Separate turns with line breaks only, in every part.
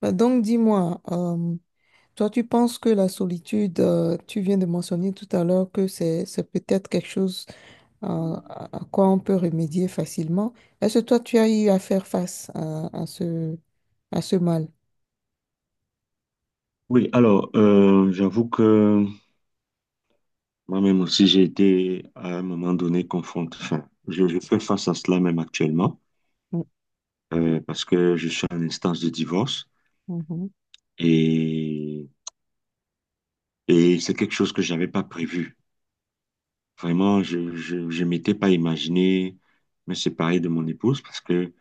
Bah, donc, dis-moi, toi, tu penses que la solitude, tu viens de mentionner tout à l'heure que c'est peut-être quelque chose euh, à quoi on peut remédier facilement. Est-ce que toi, tu as eu à faire face à ce mal?
Oui, alors, j'avoue que moi-même aussi, j'ai été à un moment donné confronté. Enfin, je fais face à cela même actuellement,
Mm.
parce que je suis en instance de divorce
Mhm,
et, et c'est quelque chose que j'avais pas prévu. Vraiment, je m'étais pas imaginé me séparer de mon épouse parce que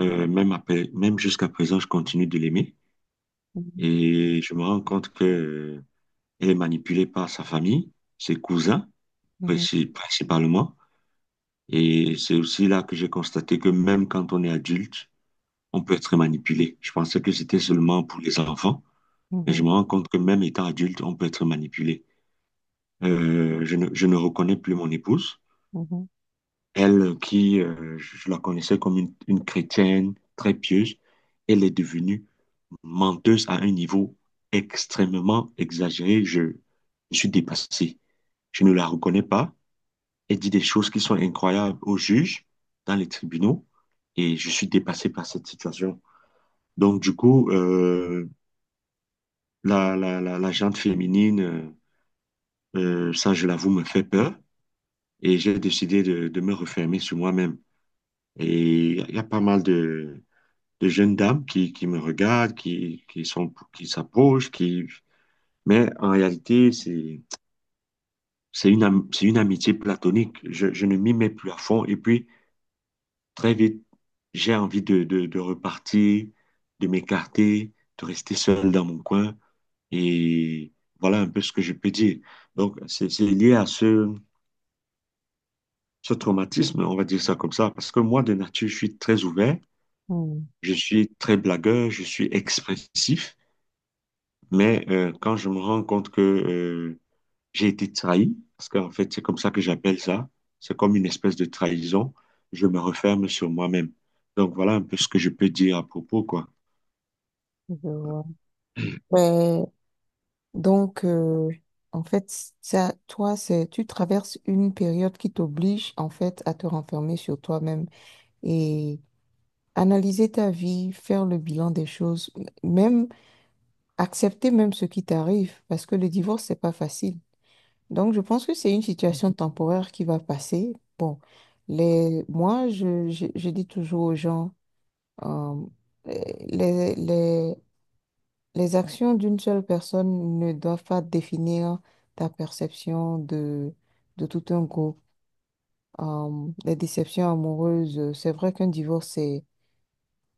même après, même jusqu'à présent, je continue de l'aimer
mhm,
et je me rends compte que elle est manipulée par sa famille, ses cousins, principalement. Et c'est aussi là que j'ai constaté que même quand on est adulte, on peut être manipulé. Je pensais que c'était seulement pour les enfants, mais je
mhm,
me rends compte que même étant adulte, on peut être manipulé. Je ne reconnais plus mon épouse,
mhm,
elle qui, je la connaissais comme une chrétienne très pieuse. Elle est devenue menteuse à un niveau extrêmement exagéré. Je suis dépassé. Je ne la reconnais pas. Elle dit des choses qui sont incroyables aux juges, dans les tribunaux, et je suis dépassé par cette situation. Donc, du coup, la gente féminine, ça, je l'avoue, me fait peur, et j'ai décidé de me refermer sur moi-même. Et il y a pas mal de jeunes dames qui me regardent, qui s'approchent, qui... Mais en réalité, c'est une, c'est une amitié platonique. Je ne m'y mets plus à fond. Et puis, très vite, j'ai envie de repartir, de m'écarter, de rester seul dans mon coin. Et voilà un peu ce que je peux dire. Donc, c'est lié à ce traumatisme, on va dire ça comme ça, parce que moi, de nature, je suis très ouvert,
mhm,
je suis très blagueur, je suis expressif, mais quand je me rends compte que j'ai été trahi, parce qu'en fait, c'est comme ça que j'appelle ça, c'est comme une espèce de trahison, je me referme sur moi-même. Donc, voilà un peu ce que je peux dire à propos, quoi.
mhm, je vois. Donc, en fait, ça, toi, tu traverses une période qui t'oblige, en fait, à te renfermer sur toi-même et analyser ta vie, faire le bilan des choses, même accepter même ce qui t'arrive, parce que le divorce, c'est pas facile. Donc, je pense que c'est une situation temporaire qui va passer. Bon, moi, je dis toujours aux gens, euh, les, les les actions d'une seule personne ne doivent pas définir ta perception de tout un groupe. Les déceptions amoureuses, c'est vrai qu'un divorce,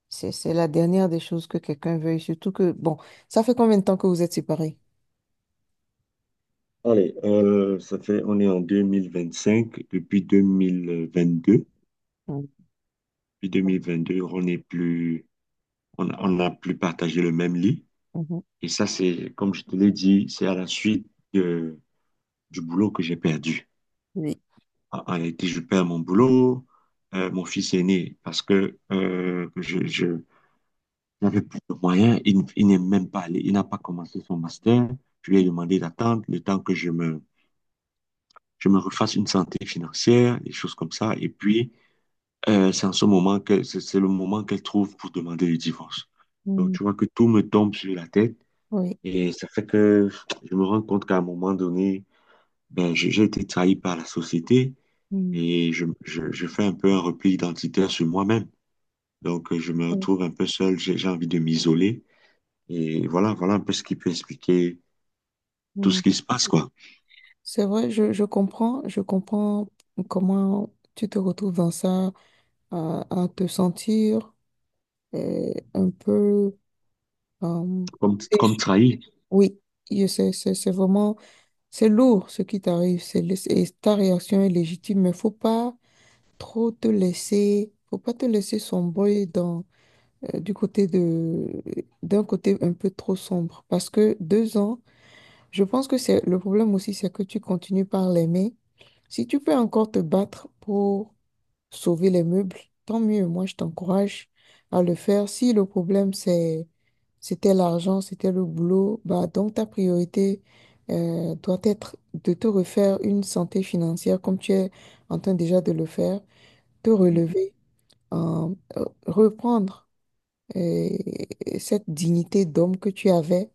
c'est la dernière des choses que quelqu'un veuille, surtout que, bon, ça fait combien de temps que vous êtes séparés?
Allez, ça fait, on est en 2025. Depuis 2022,
Mm,
depuis 2022, on n'est plus, on n'a plus partagé le même lit.
mhm.
Et ça, c'est, comme je te l'ai dit, c'est à la suite de- du boulot que j'ai perdu.
Oui.
En en réalité, je perds mon boulot. Mon fils est né parce que je n'avais plus de moyens. Il n'est même pas allé, il n'a pas commencé son master. Je lui ai demandé d'attendre le temps que je me refasse une santé financière, des choses comme ça. Et puis, c'est en ce moment que c'est le moment qu'elle trouve pour demander le divorce. Donc,
Mm.
tu vois que tout me tombe sur la tête
Oui.
et ça fait que je me rends compte qu'à un moment donné, ben, j'ai été trahi par la société
Mm,
et je fais un peu un repli identitaire sur moi-même. Donc, je me
mm,
retrouve un peu seul, j'ai envie de m'isoler et voilà un peu ce qui peut expliquer tout ce
mm.
qui se passe, quoi.
C'est vrai, je comprends comment tu te retrouves dans ça, à te sentir un peu euh,
Comme, comme
déçu.
trahi.
Oui, je sais, c'est vraiment, c'est lourd ce qui t'arrive, c'est ta réaction est légitime, mais faut pas trop te laisser, faut pas te laisser sombrer dans, du côté de, d'un côté un peu trop sombre, parce que deux ans, je pense que c'est, le problème aussi, c'est que tu continues par l'aimer. Si tu peux encore te battre pour sauver les meubles, tant mieux. Moi, je t'encourage à le faire. Si le problème, c'était l'argent, c'était le boulot, bah, donc ta priorité doit être de te refaire une santé financière comme tu es en train déjà de le faire, te
Mm,
relever, reprendre euh, cette dignité d'homme que tu avais.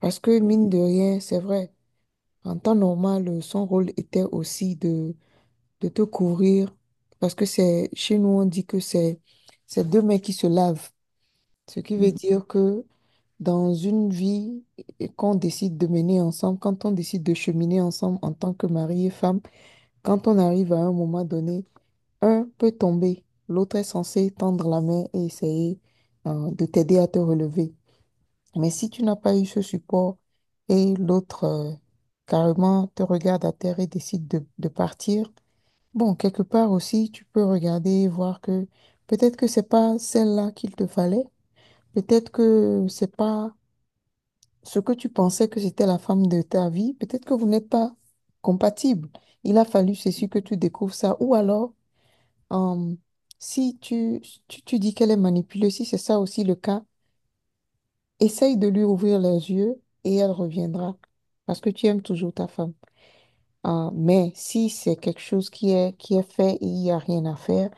Parce que mine de rien, c'est vrai, en temps normal, son rôle était aussi de te couvrir, parce que c'est, chez nous, on dit que c'est deux mains qui se lavent, ce qui veut
mm,
dire que dans une vie qu'on décide de mener ensemble, quand on décide de cheminer ensemble en tant que mari et femme, quand on arrive à un moment donné, un peut tomber, l'autre est censé tendre la main et essayer, de t'aider à te relever. Mais si tu n'as pas eu ce support et l'autre, carrément te regarde à terre et décide de partir. Bon, quelque part aussi, tu peux regarder, voir que peut-être que c'est pas celle-là qu'il te fallait, peut-être que c'est pas ce que tu pensais que c'était la femme de ta vie, peut-être que vous n'êtes pas compatibles. Il a fallu, c'est sûr, que tu découvres ça. Ou alors, euh, si tu dis qu'elle est manipulée, si c'est ça aussi le cas, essaye de lui ouvrir les yeux et elle reviendra parce que tu aimes toujours ta femme. Mais si c'est quelque chose qui est fait et il n'y a rien à faire,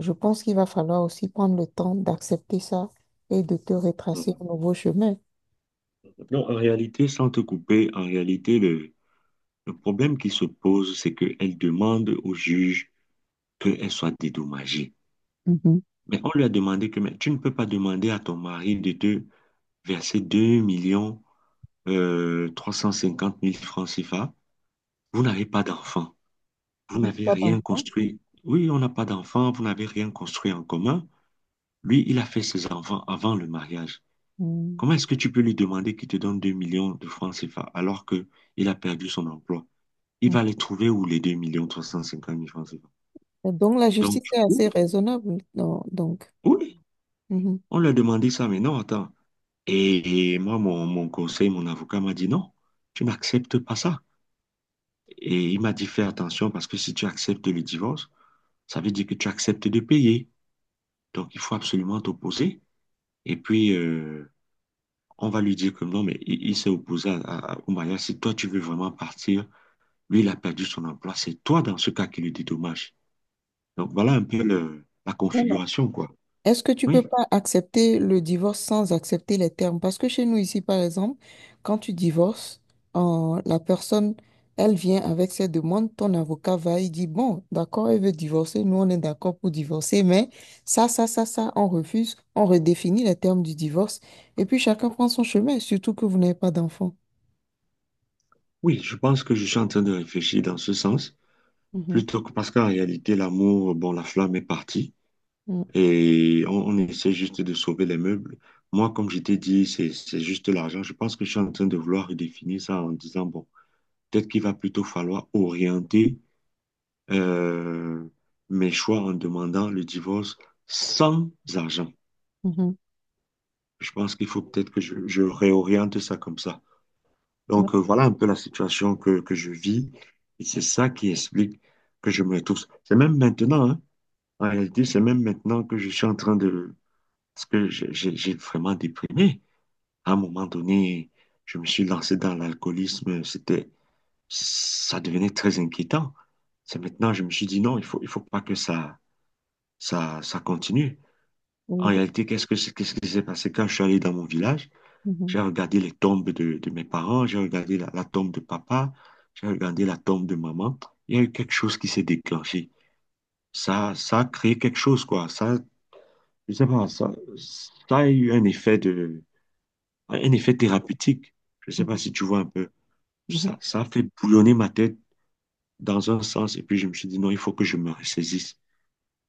je pense qu'il va falloir aussi prendre le temps d'accepter ça et de te retracer
mm.
un nouveau chemin.
Non, en réalité, sans te couper, en réalité, le problème qui se pose, c'est qu'elle demande au juge qu'elle soit dédommagée.
Mhm.
Mais on lui a demandé que mais tu ne peux pas demander à ton mari de te verser 2 millions 350 000 francs CFA. Vous n'avez pas d'enfant.
Vous
On
n'avez
n'avait
pas
rien
d'enfant.
construit. Oui, on n'a pas d'enfant, vous n'avez rien construit en commun. Lui, il a fait ses enfants avant le mariage.
Mm.
Comment est-ce que tu peux lui demander qu'il te donne 2 millions de francs CFA alors que il a perdu son emploi? Il
Ouais.
va les trouver où les 2 350 000 francs CFA?
Donc la
Donc,
justice
du
est assez
coup,
raisonnable, non. Donc,
oui,
mhm.
on lui a demandé ça, mais non, attends. Et moi, mon conseil, mon avocat m'a dit non, tu n'acceptes pas ça. Et il m'a dit fais attention parce que si tu acceptes le divorce, ça veut dire que tu acceptes de payer. Donc, il faut absolument t'opposer. Et puis, on va lui dire que non, mais il s'est opposé au mariage. Si toi, tu veux vraiment partir, lui, il a perdu son emploi. C'est toi, dans ce cas, qui le dédommage. Donc, voilà un peu la configuration, quoi.
Est-ce que tu peux
Oui,
pas accepter le divorce sans accepter les termes? Parce que chez nous ici, par exemple, quand tu divorces, la personne, elle vient avec ses demandes, ton avocat va, il dit, bon, d'accord, elle veut divorcer, nous on est d'accord pour divorcer, mais ça, on refuse, on redéfinit les termes du divorce, et puis chacun prend son chemin, surtout que vous n'avez pas d'enfant.
oui, je pense que je suis en train de réfléchir dans ce sens,
Mhm,
plutôt que parce qu'en réalité, l'amour, bon, la flamme est partie
mhm,
et on essaie juste de sauver les meubles. Moi, comme je t'ai dit, c'est juste l'argent. Je pense que je suis en train de vouloir redéfinir ça en disant, bon, peut-être qu'il va plutôt falloir orienter euh, mes choix en demandant le divorce sans argent.
mhm,
Je pense qu'il faut peut-être que je réoriente ça comme ça.
ouais,
Donc voilà un peu la situation que je vis et c'est ça qui explique que je me retrouve. C'est même maintenant, hein. En réalité, c'est même maintenant que je suis en train de... Parce que j'ai vraiment déprimé. À un moment donné, je me suis lancé dans l'alcoolisme. C'était... Ça devenait très inquiétant. C'est maintenant, je me suis dit non, il faut pas que ça continue. En
oui,
réalité, qu'est-ce qui s'est passé quand je suis allé dans mon village?
mhm,
J'ai regardé les tombes de mes parents, j'ai regardé la tombe de papa, j'ai regardé la tombe de maman. Il y a eu quelque chose qui s'est déclenché. Ça a créé quelque chose, quoi. Je sais pas, ça a eu un effet de, un effet thérapeutique. Je sais pas
mhm,
si tu vois un peu.
mhm,
Ça a fait bouillonner ma tête dans un sens. Et puis, je me suis dit, non, il faut que je me ressaisisse.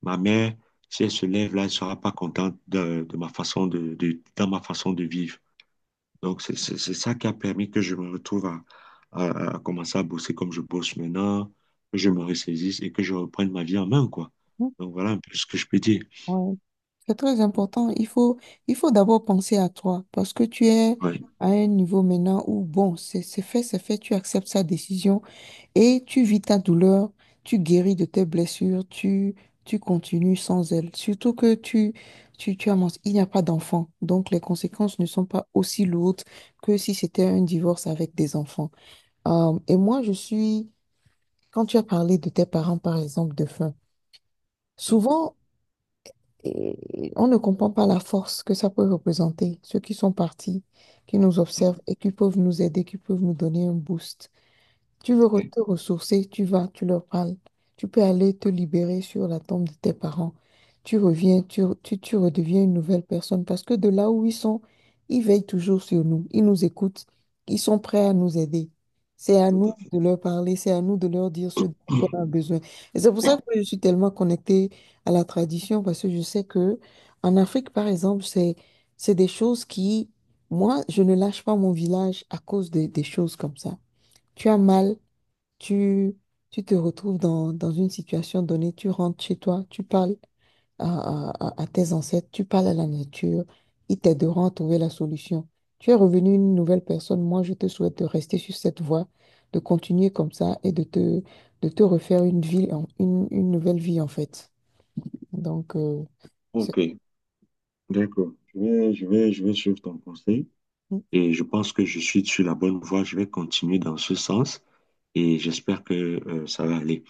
Ma mère, si elle se lève là, elle sera pas contente de ma façon dans ma façon de vivre. Donc, c'est ça qui a permis que je me retrouve à commencer à bosser comme je bosse maintenant, que je me ressaisisse et que je reprenne ma vie en main, quoi.
mhm,
Donc, voilà un peu ce que je peux dire.
ouais. C'est très
Mm.
important. Il faut d'abord penser à toi parce que tu es
Ouais.
à un niveau maintenant où, bon, c'est fait, tu acceptes sa décision et tu vis ta douleur, tu guéris de tes blessures, tu continues sans elle. Surtout que il n'y a pas d'enfant. Donc, les conséquences ne sont pas aussi lourdes que si c'était un divorce avec des enfants. Et moi, quand tu as parlé de tes parents, par exemple, de faim,
Mm.
souvent, et on ne comprend pas la force que ça peut représenter, ceux qui sont partis, qui nous
Mm.
observent et qui peuvent nous aider, qui peuvent nous donner un boost.
Oui,
Te ressourcer, tu vas, tu leur parles. Tu peux aller te libérer sur la tombe de tes parents. Tu reviens, tu redeviens une nouvelle personne parce que de là où ils sont, ils veillent toujours sur nous. Ils nous écoutent. Ils sont prêts à nous aider. C'est à
tout
nous
à fait.
de leur parler, c'est à nous de leur dire ce dont on a besoin. Et c'est pour ça que je suis tellement connectée à la tradition parce que je sais que en Afrique, par exemple, c'est des choses qui, moi, je ne lâche pas mon village à cause des choses comme ça. Tu as mal, tu, tu te retrouves dans, dans une situation donnée, tu rentres chez toi, tu parles à, à tes ancêtres, tu parles à la nature, ils t'aideront à trouver la solution. Tu es revenu une nouvelle personne. Moi, je te souhaite de rester sur cette voie, de continuer comme ça et de de te refaire une vie, une nouvelle vie, en fait. Donc, c'est-
Ok, d'accord. Je vais suivre ton conseil et je pense que je suis sur la bonne voie. Je vais continuer dans ce sens et j'espère que ça va aller.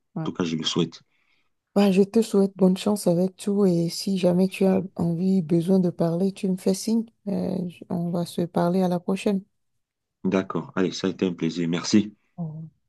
En
ouais.
tout cas, je le souhaite.
Bah, je te souhaite bonne chance avec tout et si jamais tu as envie, besoin de parler, tu me fais signe. On va se parler à la prochaine.
D'accord. Allez, ça a été un plaisir. Merci.
Au revoir.